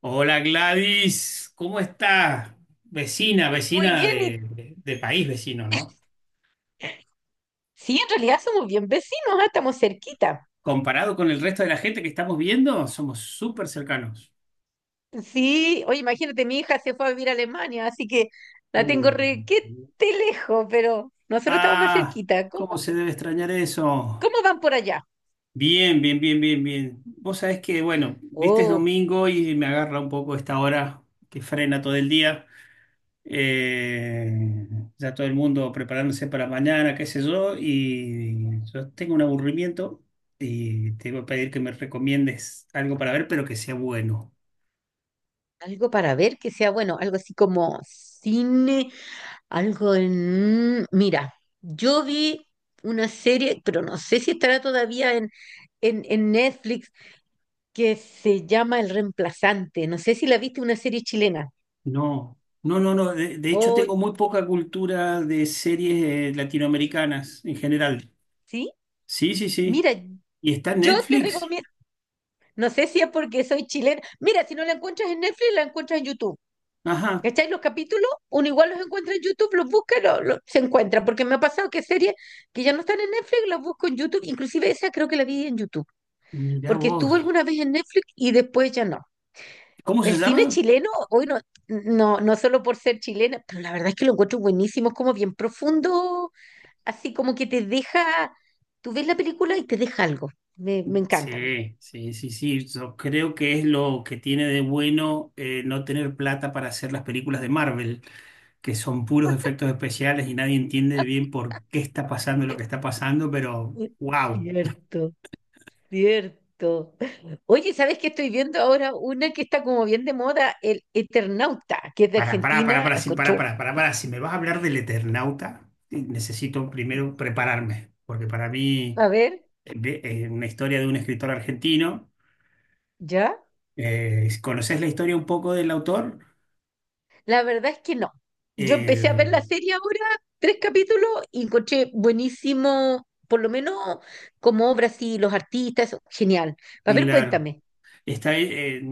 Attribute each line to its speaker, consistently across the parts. Speaker 1: Hola Gladys, ¿cómo estás? Vecina,
Speaker 2: Muy
Speaker 1: vecina
Speaker 2: bien, y
Speaker 1: de país vecino, ¿no?
Speaker 2: sí, en realidad somos bien vecinos, estamos cerquita.
Speaker 1: Comparado con el resto de la gente que estamos viendo, somos súper cercanos.
Speaker 2: Sí, oye, imagínate, mi hija se fue a vivir a Alemania, así que la tengo
Speaker 1: Uh.
Speaker 2: requete lejos, pero nosotros estamos más
Speaker 1: Ah,
Speaker 2: cerquita. ¿Cómo,
Speaker 1: ¿cómo se debe extrañar eso?
Speaker 2: cómo van por allá?
Speaker 1: Bien, bien, bien, bien, bien. Vos sabés que, bueno, viste es
Speaker 2: Oh,
Speaker 1: domingo y me agarra un poco esta hora que frena todo el día. Eh, ya todo el mundo preparándose para mañana, qué sé yo, y yo tengo un aburrimiento y te voy a pedir que me recomiendes algo para ver, pero que sea bueno.
Speaker 2: algo para ver que sea bueno, algo así como cine, Mira, yo vi una serie, pero no sé si estará todavía en, en Netflix, que se llama El Reemplazante. No sé si la viste, una serie chilena.
Speaker 1: No, no, no, no. De hecho,
Speaker 2: Oh,
Speaker 1: tengo muy poca cultura de series latinoamericanas en general.
Speaker 2: ¿sí?
Speaker 1: Sí, sí, sí.
Speaker 2: Mira,
Speaker 1: ¿Y está en
Speaker 2: yo te
Speaker 1: Netflix?
Speaker 2: recomiendo, no sé si es porque soy chilena, mira, si no la encuentras en Netflix, la encuentras en YouTube.
Speaker 1: Ajá.
Speaker 2: ¿Cachai? Los capítulos, uno igual los encuentra en YouTube, los busca, se encuentra, porque me ha pasado que series que ya no están en Netflix, las busco en YouTube, inclusive esa creo que la vi en YouTube,
Speaker 1: Mirá
Speaker 2: porque
Speaker 1: vos.
Speaker 2: estuvo alguna vez en Netflix y después ya no.
Speaker 1: ¿Cómo se
Speaker 2: El cine
Speaker 1: llama?
Speaker 2: chileno, hoy no, no, no solo por ser chilena, pero la verdad es que lo encuentro buenísimo, es como bien profundo, así como que te deja, tú ves la película y te deja algo. Me encanta a mí.
Speaker 1: Sí, sí, sí, sí. Yo creo que es lo que tiene de bueno no tener plata para hacer las películas de Marvel, que son puros efectos especiales y nadie entiende bien por qué está pasando lo que está pasando, pero wow.
Speaker 2: Cierto, cierto. Oye, ¿sabes qué estoy viendo ahora? Una que está como bien de moda, el Eternauta, que es de Argentina.
Speaker 1: Para,
Speaker 2: La
Speaker 1: sí,
Speaker 2: encontró.
Speaker 1: para, para. Si me vas a hablar del Eternauta, necesito primero prepararme, porque para mí
Speaker 2: A ver,
Speaker 1: una historia de un escritor argentino.
Speaker 2: ¿ya?
Speaker 1: ¿Conoces la historia un poco del autor?
Speaker 2: La verdad es que no. Yo empecé a ver la
Speaker 1: Eh,
Speaker 2: serie ahora, tres capítulos, y encontré buenísimo, por lo menos como obras y los artistas, genial. A ver,
Speaker 1: claro.
Speaker 2: cuéntame.
Speaker 1: Está,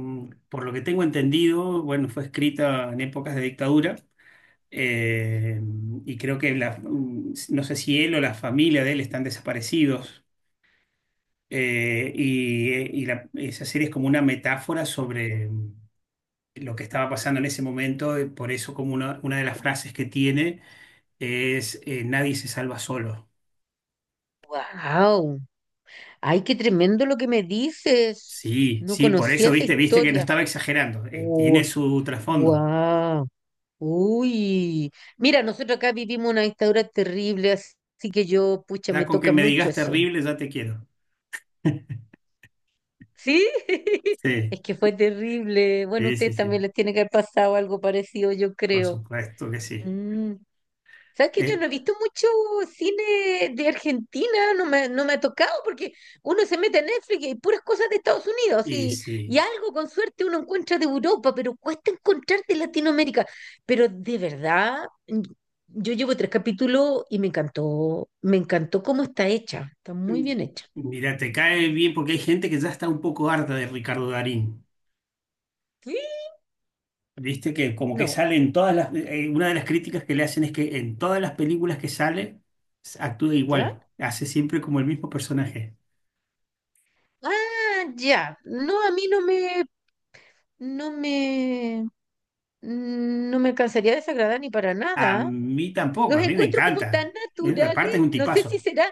Speaker 1: por lo que tengo entendido, bueno, fue escrita en épocas de dictadura eh, y creo que no sé si él o la familia de él están desaparecidos esa serie es como una metáfora sobre lo que estaba pasando en ese momento, por eso como una de las frases que tiene es nadie se salva solo.
Speaker 2: ¡Wow! ¡Ay, qué tremendo lo que me dices!
Speaker 1: Sí,
Speaker 2: No
Speaker 1: sí, por
Speaker 2: conocía
Speaker 1: eso
Speaker 2: esa
Speaker 1: viste, viste que no
Speaker 2: historia.
Speaker 1: estaba exagerando, tiene su trasfondo.
Speaker 2: ¡Wow! Uy, mira, nosotros acá vivimos una dictadura terrible, así que yo, pucha,
Speaker 1: Ya
Speaker 2: me
Speaker 1: con que
Speaker 2: toca
Speaker 1: me
Speaker 2: mucho
Speaker 1: digas
Speaker 2: eso.
Speaker 1: terrible, ya te quiero.
Speaker 2: ¿Sí?
Speaker 1: Sí.
Speaker 2: Es que fue terrible. Bueno,
Speaker 1: Sí, sí,
Speaker 2: ustedes
Speaker 1: sí,
Speaker 2: también les tiene que haber pasado algo parecido, yo
Speaker 1: por
Speaker 2: creo.
Speaker 1: supuesto que sí.
Speaker 2: Mm. ¿Sabes que yo
Speaker 1: Eh,
Speaker 2: no he visto mucho cine de Argentina? No me ha tocado porque uno se mete en Netflix y puras cosas de Estados Unidos
Speaker 1: y
Speaker 2: y
Speaker 1: sí,
Speaker 2: algo con suerte uno encuentra de Europa, pero cuesta encontrar de Latinoamérica. Pero de verdad, yo llevo tres capítulos y me encantó cómo está hecha, está muy
Speaker 1: mm,
Speaker 2: bien hecha.
Speaker 1: Mira, te cae bien porque hay gente que ya está un poco harta de Ricardo Darín.
Speaker 2: ¿Sí?
Speaker 1: Viste que como que
Speaker 2: No.
Speaker 1: sale en todas las... una de las críticas que le hacen es que en todas las películas que sale actúa
Speaker 2: ¿Ya?
Speaker 1: igual, hace siempre como el mismo personaje.
Speaker 2: Ah, ya. No, a mí no me, no me cansaría de desagradar ni para
Speaker 1: A
Speaker 2: nada.
Speaker 1: mí tampoco,
Speaker 2: Los
Speaker 1: a mí me
Speaker 2: encuentro como
Speaker 1: encanta.
Speaker 2: tan naturales,
Speaker 1: Aparte es un
Speaker 2: no sé si
Speaker 1: tipazo.
Speaker 2: será,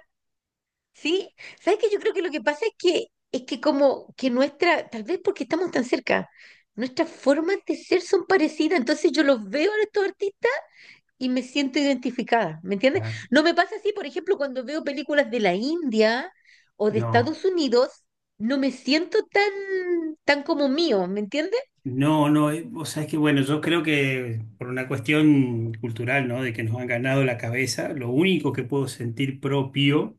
Speaker 2: sí. ¿Sabes qué? Yo creo que lo que pasa es que como que nuestra, tal vez porque estamos tan cerca, nuestras formas de ser son parecidas, entonces yo los veo a estos artistas y me siento identificada, ¿me entiendes?
Speaker 1: Ah,
Speaker 2: No me pasa así, por ejemplo, cuando veo películas de la India o de
Speaker 1: no.
Speaker 2: Estados Unidos, no me siento tan como mío, ¿me entiendes?
Speaker 1: No, no, o sea, es que bueno, yo creo que por una cuestión cultural, ¿no? De que nos han ganado la cabeza, lo único que puedo sentir propio,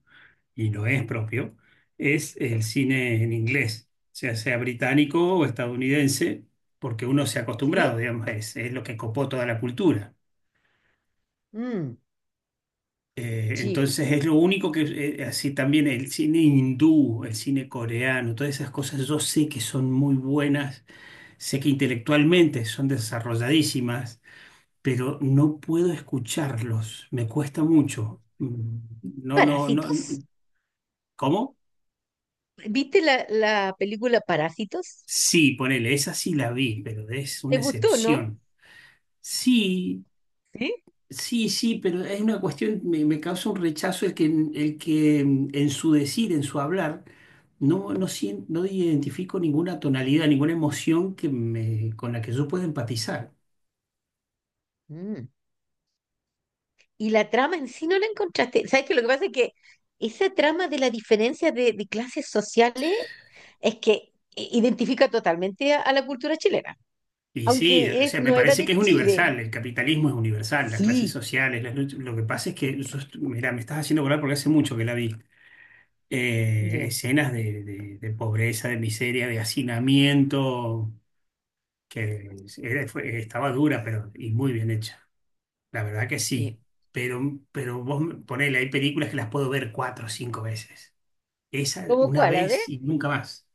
Speaker 1: y no es propio, es el cine en inglés, o sea sea británico o estadounidense, porque uno se ha
Speaker 2: ¿Sí?
Speaker 1: acostumbrado, digamos, es lo que copó toda la cultura.
Speaker 2: Mm, sí.
Speaker 1: Entonces es lo único que, así también el cine hindú, el cine coreano, todas esas cosas yo sé que son muy buenas, sé que intelectualmente son desarrolladísimas pero no puedo escucharlos, me cuesta mucho. No, no, no,
Speaker 2: Parásitos.
Speaker 1: no. ¿Cómo?
Speaker 2: ¿Viste la película Parásitos?
Speaker 1: Sí, ponele, esa sí la vi, pero es
Speaker 2: ¿Te
Speaker 1: una
Speaker 2: gustó, no?
Speaker 1: excepción. Sí,
Speaker 2: ¿Sí?
Speaker 1: sí, sí, pero es una cuestión, me causa un rechazo el que en su decir, en su hablar, no, no identifico ninguna tonalidad, ninguna emoción que me, con la que yo pueda empatizar.
Speaker 2: Mm. Y la trama en sí no la encontraste. ¿Sabes qué? Lo que pasa es que esa trama de la diferencia de clases sociales es que identifica totalmente a la cultura chilena,
Speaker 1: Y sí, o
Speaker 2: aunque
Speaker 1: sea, me
Speaker 2: no era
Speaker 1: parece
Speaker 2: de
Speaker 1: que es
Speaker 2: Chile.
Speaker 1: universal, el capitalismo es universal, las clases
Speaker 2: Sí,
Speaker 1: sociales, lo que pasa es que, mira, me estás haciendo acordar porque hace mucho que la vi,
Speaker 2: ya,
Speaker 1: escenas de pobreza, de miseria, de hacinamiento, que estaba dura, pero y muy bien hecha, la verdad que sí,
Speaker 2: sí.
Speaker 1: pero ponele, hay películas que las puedo ver cuatro o cinco veces, esa
Speaker 2: ¿Cómo
Speaker 1: una
Speaker 2: cuál? A ver,
Speaker 1: vez y nunca más.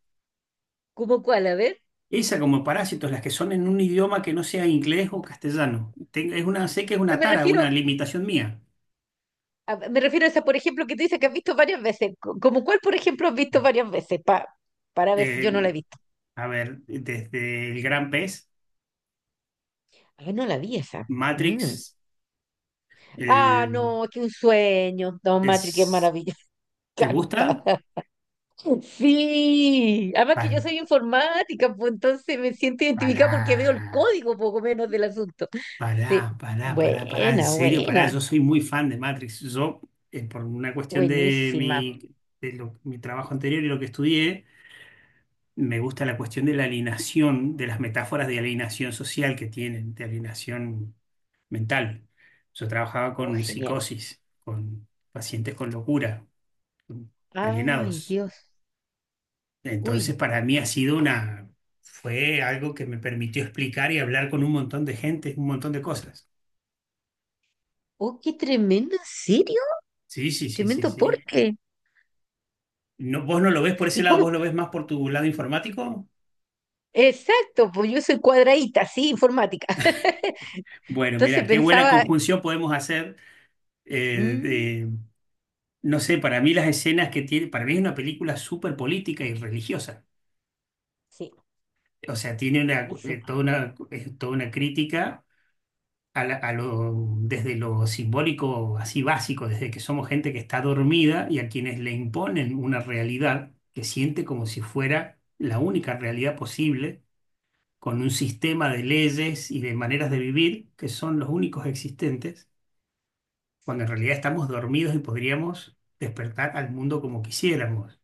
Speaker 2: ¿cómo cuál? A ver.
Speaker 1: Esa como parásitos, las que son en un idioma que no sea inglés o castellano. Es una, sé que es
Speaker 2: Pero
Speaker 1: una
Speaker 2: me
Speaker 1: tara,
Speaker 2: refiero
Speaker 1: una limitación mía.
Speaker 2: a esa, por ejemplo, que tú dices que has visto varias veces. ¿Cómo cuál, por ejemplo, has visto varias veces? Para ver si
Speaker 1: Eh,
Speaker 2: yo no la he visto.
Speaker 1: a ver, desde el Gran Pez,
Speaker 2: Ah, no la vi esa.
Speaker 1: Matrix,
Speaker 2: Mm. Ah,
Speaker 1: el-
Speaker 2: no, qué un sueño. Don Matri, qué
Speaker 1: es-
Speaker 2: maravilla.
Speaker 1: ¿te gusta?
Speaker 2: Encantada. Sí, además que yo
Speaker 1: Para,
Speaker 2: soy informática, pues entonces me siento identificada porque veo el
Speaker 1: para,
Speaker 2: código poco menos del asunto. Sí,
Speaker 1: para, en
Speaker 2: buena,
Speaker 1: serio, para.
Speaker 2: buena,
Speaker 1: Yo soy muy fan de Matrix. Yo, por una cuestión de
Speaker 2: buenísima.
Speaker 1: mi, mi trabajo anterior y lo que estudié, me gusta la cuestión de la alineación de las metáforas de alineación social que tienen, de alineación mental. Yo trabajaba
Speaker 2: Oh,
Speaker 1: con
Speaker 2: genial.
Speaker 1: psicosis, con pacientes con locura, con
Speaker 2: Ay,
Speaker 1: alienados.
Speaker 2: Dios.
Speaker 1: Entonces,
Speaker 2: Uy,
Speaker 1: para mí ha sido una, fue algo que me permitió explicar y hablar con un montón de gente, un montón de cosas.
Speaker 2: oh, qué tremendo, ¿en serio?
Speaker 1: Sí, sí, sí, sí,
Speaker 2: Tremendo, ¿por
Speaker 1: sí.
Speaker 2: qué?
Speaker 1: No, ¿vos no lo ves por ese
Speaker 2: ¿Y
Speaker 1: lado?
Speaker 2: cómo?
Speaker 1: ¿Vos lo ves más por tu lado informático?
Speaker 2: Exacto, pues yo soy cuadradita, sí, informática.
Speaker 1: Bueno,
Speaker 2: Entonces
Speaker 1: mira, qué buena
Speaker 2: pensaba,
Speaker 1: conjunción podemos hacer
Speaker 2: mm,
Speaker 1: de no sé, para mí las escenas que tiene, para mí es una película súper política y religiosa.
Speaker 2: sí,
Speaker 1: O sea, tiene una,
Speaker 2: buenísima.
Speaker 1: toda una, toda una crítica a la- a lo, desde lo simbólico, así básico, desde que somos gente que está dormida y a quienes le imponen una realidad que siente como si fuera la única realidad posible, con un sistema de leyes y de maneras de vivir que son los únicos existentes, cuando en realidad estamos dormidos y podríamos despertar al mundo como quisiéramos.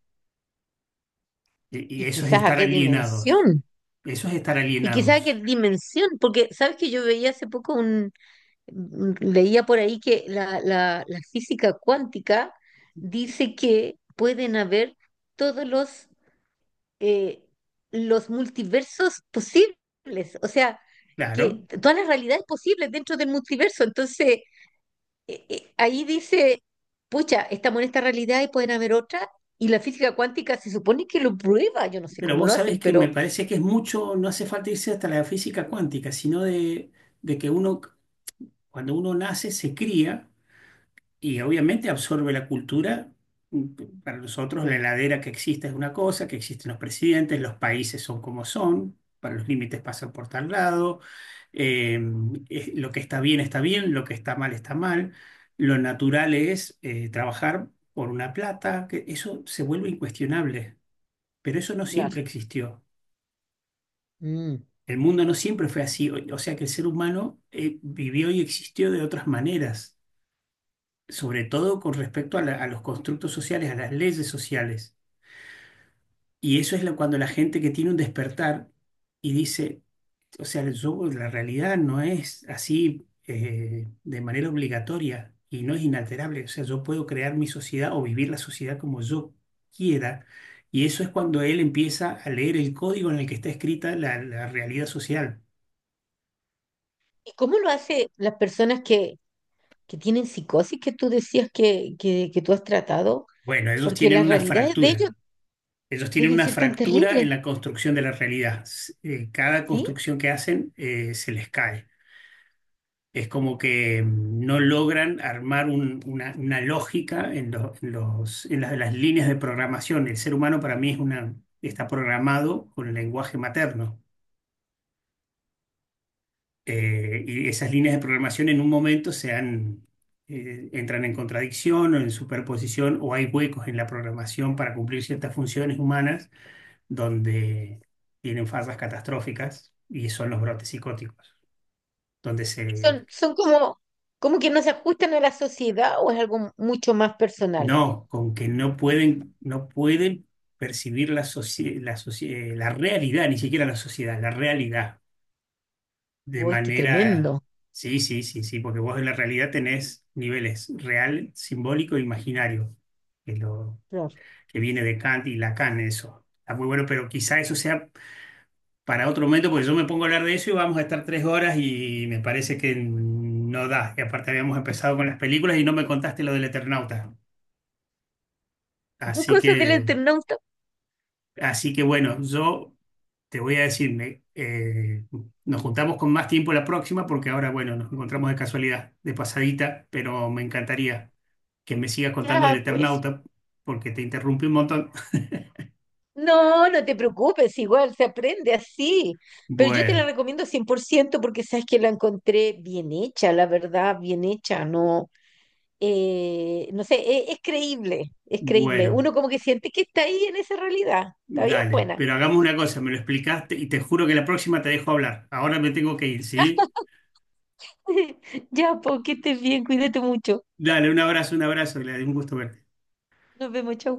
Speaker 1: Y
Speaker 2: ¿Y
Speaker 1: eso es
Speaker 2: quizás a
Speaker 1: estar
Speaker 2: qué
Speaker 1: alienados.
Speaker 2: dimensión?
Speaker 1: Eso es estar
Speaker 2: Y quizá qué
Speaker 1: alienados.
Speaker 2: dimensión, porque sabes que yo veía hace poco leía por ahí que la física cuántica dice que pueden haber todos eh, los multiversos posibles, o sea,
Speaker 1: Claro.
Speaker 2: que todas las realidades posibles dentro del multiverso. Entonces, ahí dice, pucha, estamos en esta realidad y pueden haber otra, y la física cuántica se supone que lo prueba, yo no sé
Speaker 1: Pero
Speaker 2: cómo
Speaker 1: vos
Speaker 2: lo
Speaker 1: sabés
Speaker 2: hacen,
Speaker 1: que me
Speaker 2: pero
Speaker 1: parece que es mucho, no hace falta irse hasta la física cuántica, sino de que uno, cuando uno nace, se cría. Y obviamente absorbe la cultura. Para nosotros la
Speaker 2: sí,
Speaker 1: heladera que existe es una cosa, que existen los presidentes, los países son como son, para los límites pasan por tal lado, eh, lo que está bien, lo que está mal, lo natural es trabajar por una plata, que eso se vuelve incuestionable, pero eso no
Speaker 2: claro.
Speaker 1: siempre existió.
Speaker 2: Mm.
Speaker 1: El mundo no siempre fue así, o sea que el ser humano vivió y existió de otras maneras sobre todo con respecto a, a los constructos sociales, a las leyes sociales. Y eso es cuando la gente que tiene un despertar y dice, o sea, la realidad no es así de manera obligatoria y no es inalterable. O sea, yo puedo crear mi sociedad o vivir la sociedad como yo quiera. Y eso es cuando él empieza a leer el código en el que está escrita la realidad social.
Speaker 2: ¿Y cómo lo hace las personas que tienen psicosis que tú decías que tú has tratado?
Speaker 1: Bueno, ellos
Speaker 2: Porque
Speaker 1: tienen
Speaker 2: las
Speaker 1: una
Speaker 2: realidades de ellos
Speaker 1: fractura. Ellos tienen
Speaker 2: deben
Speaker 1: una
Speaker 2: ser tan
Speaker 1: fractura
Speaker 2: terribles,
Speaker 1: en la construcción de la realidad. Cada
Speaker 2: ¿sí?
Speaker 1: construcción que hacen se les cae. Es como que no logran armar una lógica en, lo- en los, en las líneas de programación. El ser humano para mí es una, está programado con el lenguaje materno. Y esas líneas de programación en un momento entran en contradicción o en superposición o hay huecos en la programación para cumplir ciertas funciones humanas donde tienen fallas catastróficas y son los brotes psicóticos, donde se...
Speaker 2: Son como que no se ajustan a la sociedad o es algo mucho más personal.
Speaker 1: No, con que no pueden, no pueden percibir la realidad, ni siquiera la sociedad, la realidad de
Speaker 2: Uy, qué
Speaker 1: manera...
Speaker 2: tremendo.
Speaker 1: Sí, sí, sí, sí, porque vos en la realidad tenés niveles real, simbólico e imaginario, que, lo,
Speaker 2: Claro.
Speaker 1: que viene de Kant y Lacan, eso. Está muy bueno, pero quizá eso sea para otro momento, porque yo me pongo a hablar de eso y vamos a estar 3 horas y me parece que no da. Y aparte habíamos empezado con las películas y no me contaste lo del Eternauta.
Speaker 2: ¿Qué
Speaker 1: Así
Speaker 2: cosas del
Speaker 1: que,
Speaker 2: internauta?
Speaker 1: así que bueno, yo te voy a decir, nos juntamos con más tiempo la próxima porque ahora, bueno, nos encontramos de casualidad, de pasadita, pero me encantaría que me sigas contando del
Speaker 2: Ya, pues.
Speaker 1: Eternauta porque te interrumpí un montón.
Speaker 2: No, no te preocupes, igual se aprende así. Pero yo te la
Speaker 1: Bueno,
Speaker 2: recomiendo 100% porque sabes que la encontré bien hecha, la verdad, bien hecha. No, no sé, es, creíble, es creíble.
Speaker 1: bueno.
Speaker 2: Uno como que siente que está ahí en esa realidad. Está bien
Speaker 1: Dale,
Speaker 2: buena.
Speaker 1: pero hagamos una cosa, me lo explicaste y te juro que la próxima te dejo hablar. Ahora me tengo que ir, ¿sí?
Speaker 2: Ya, pues, que estés bien, cuídate mucho.
Speaker 1: Dale, un abrazo, le Gladys, un gusto verte.
Speaker 2: Nos vemos, chau.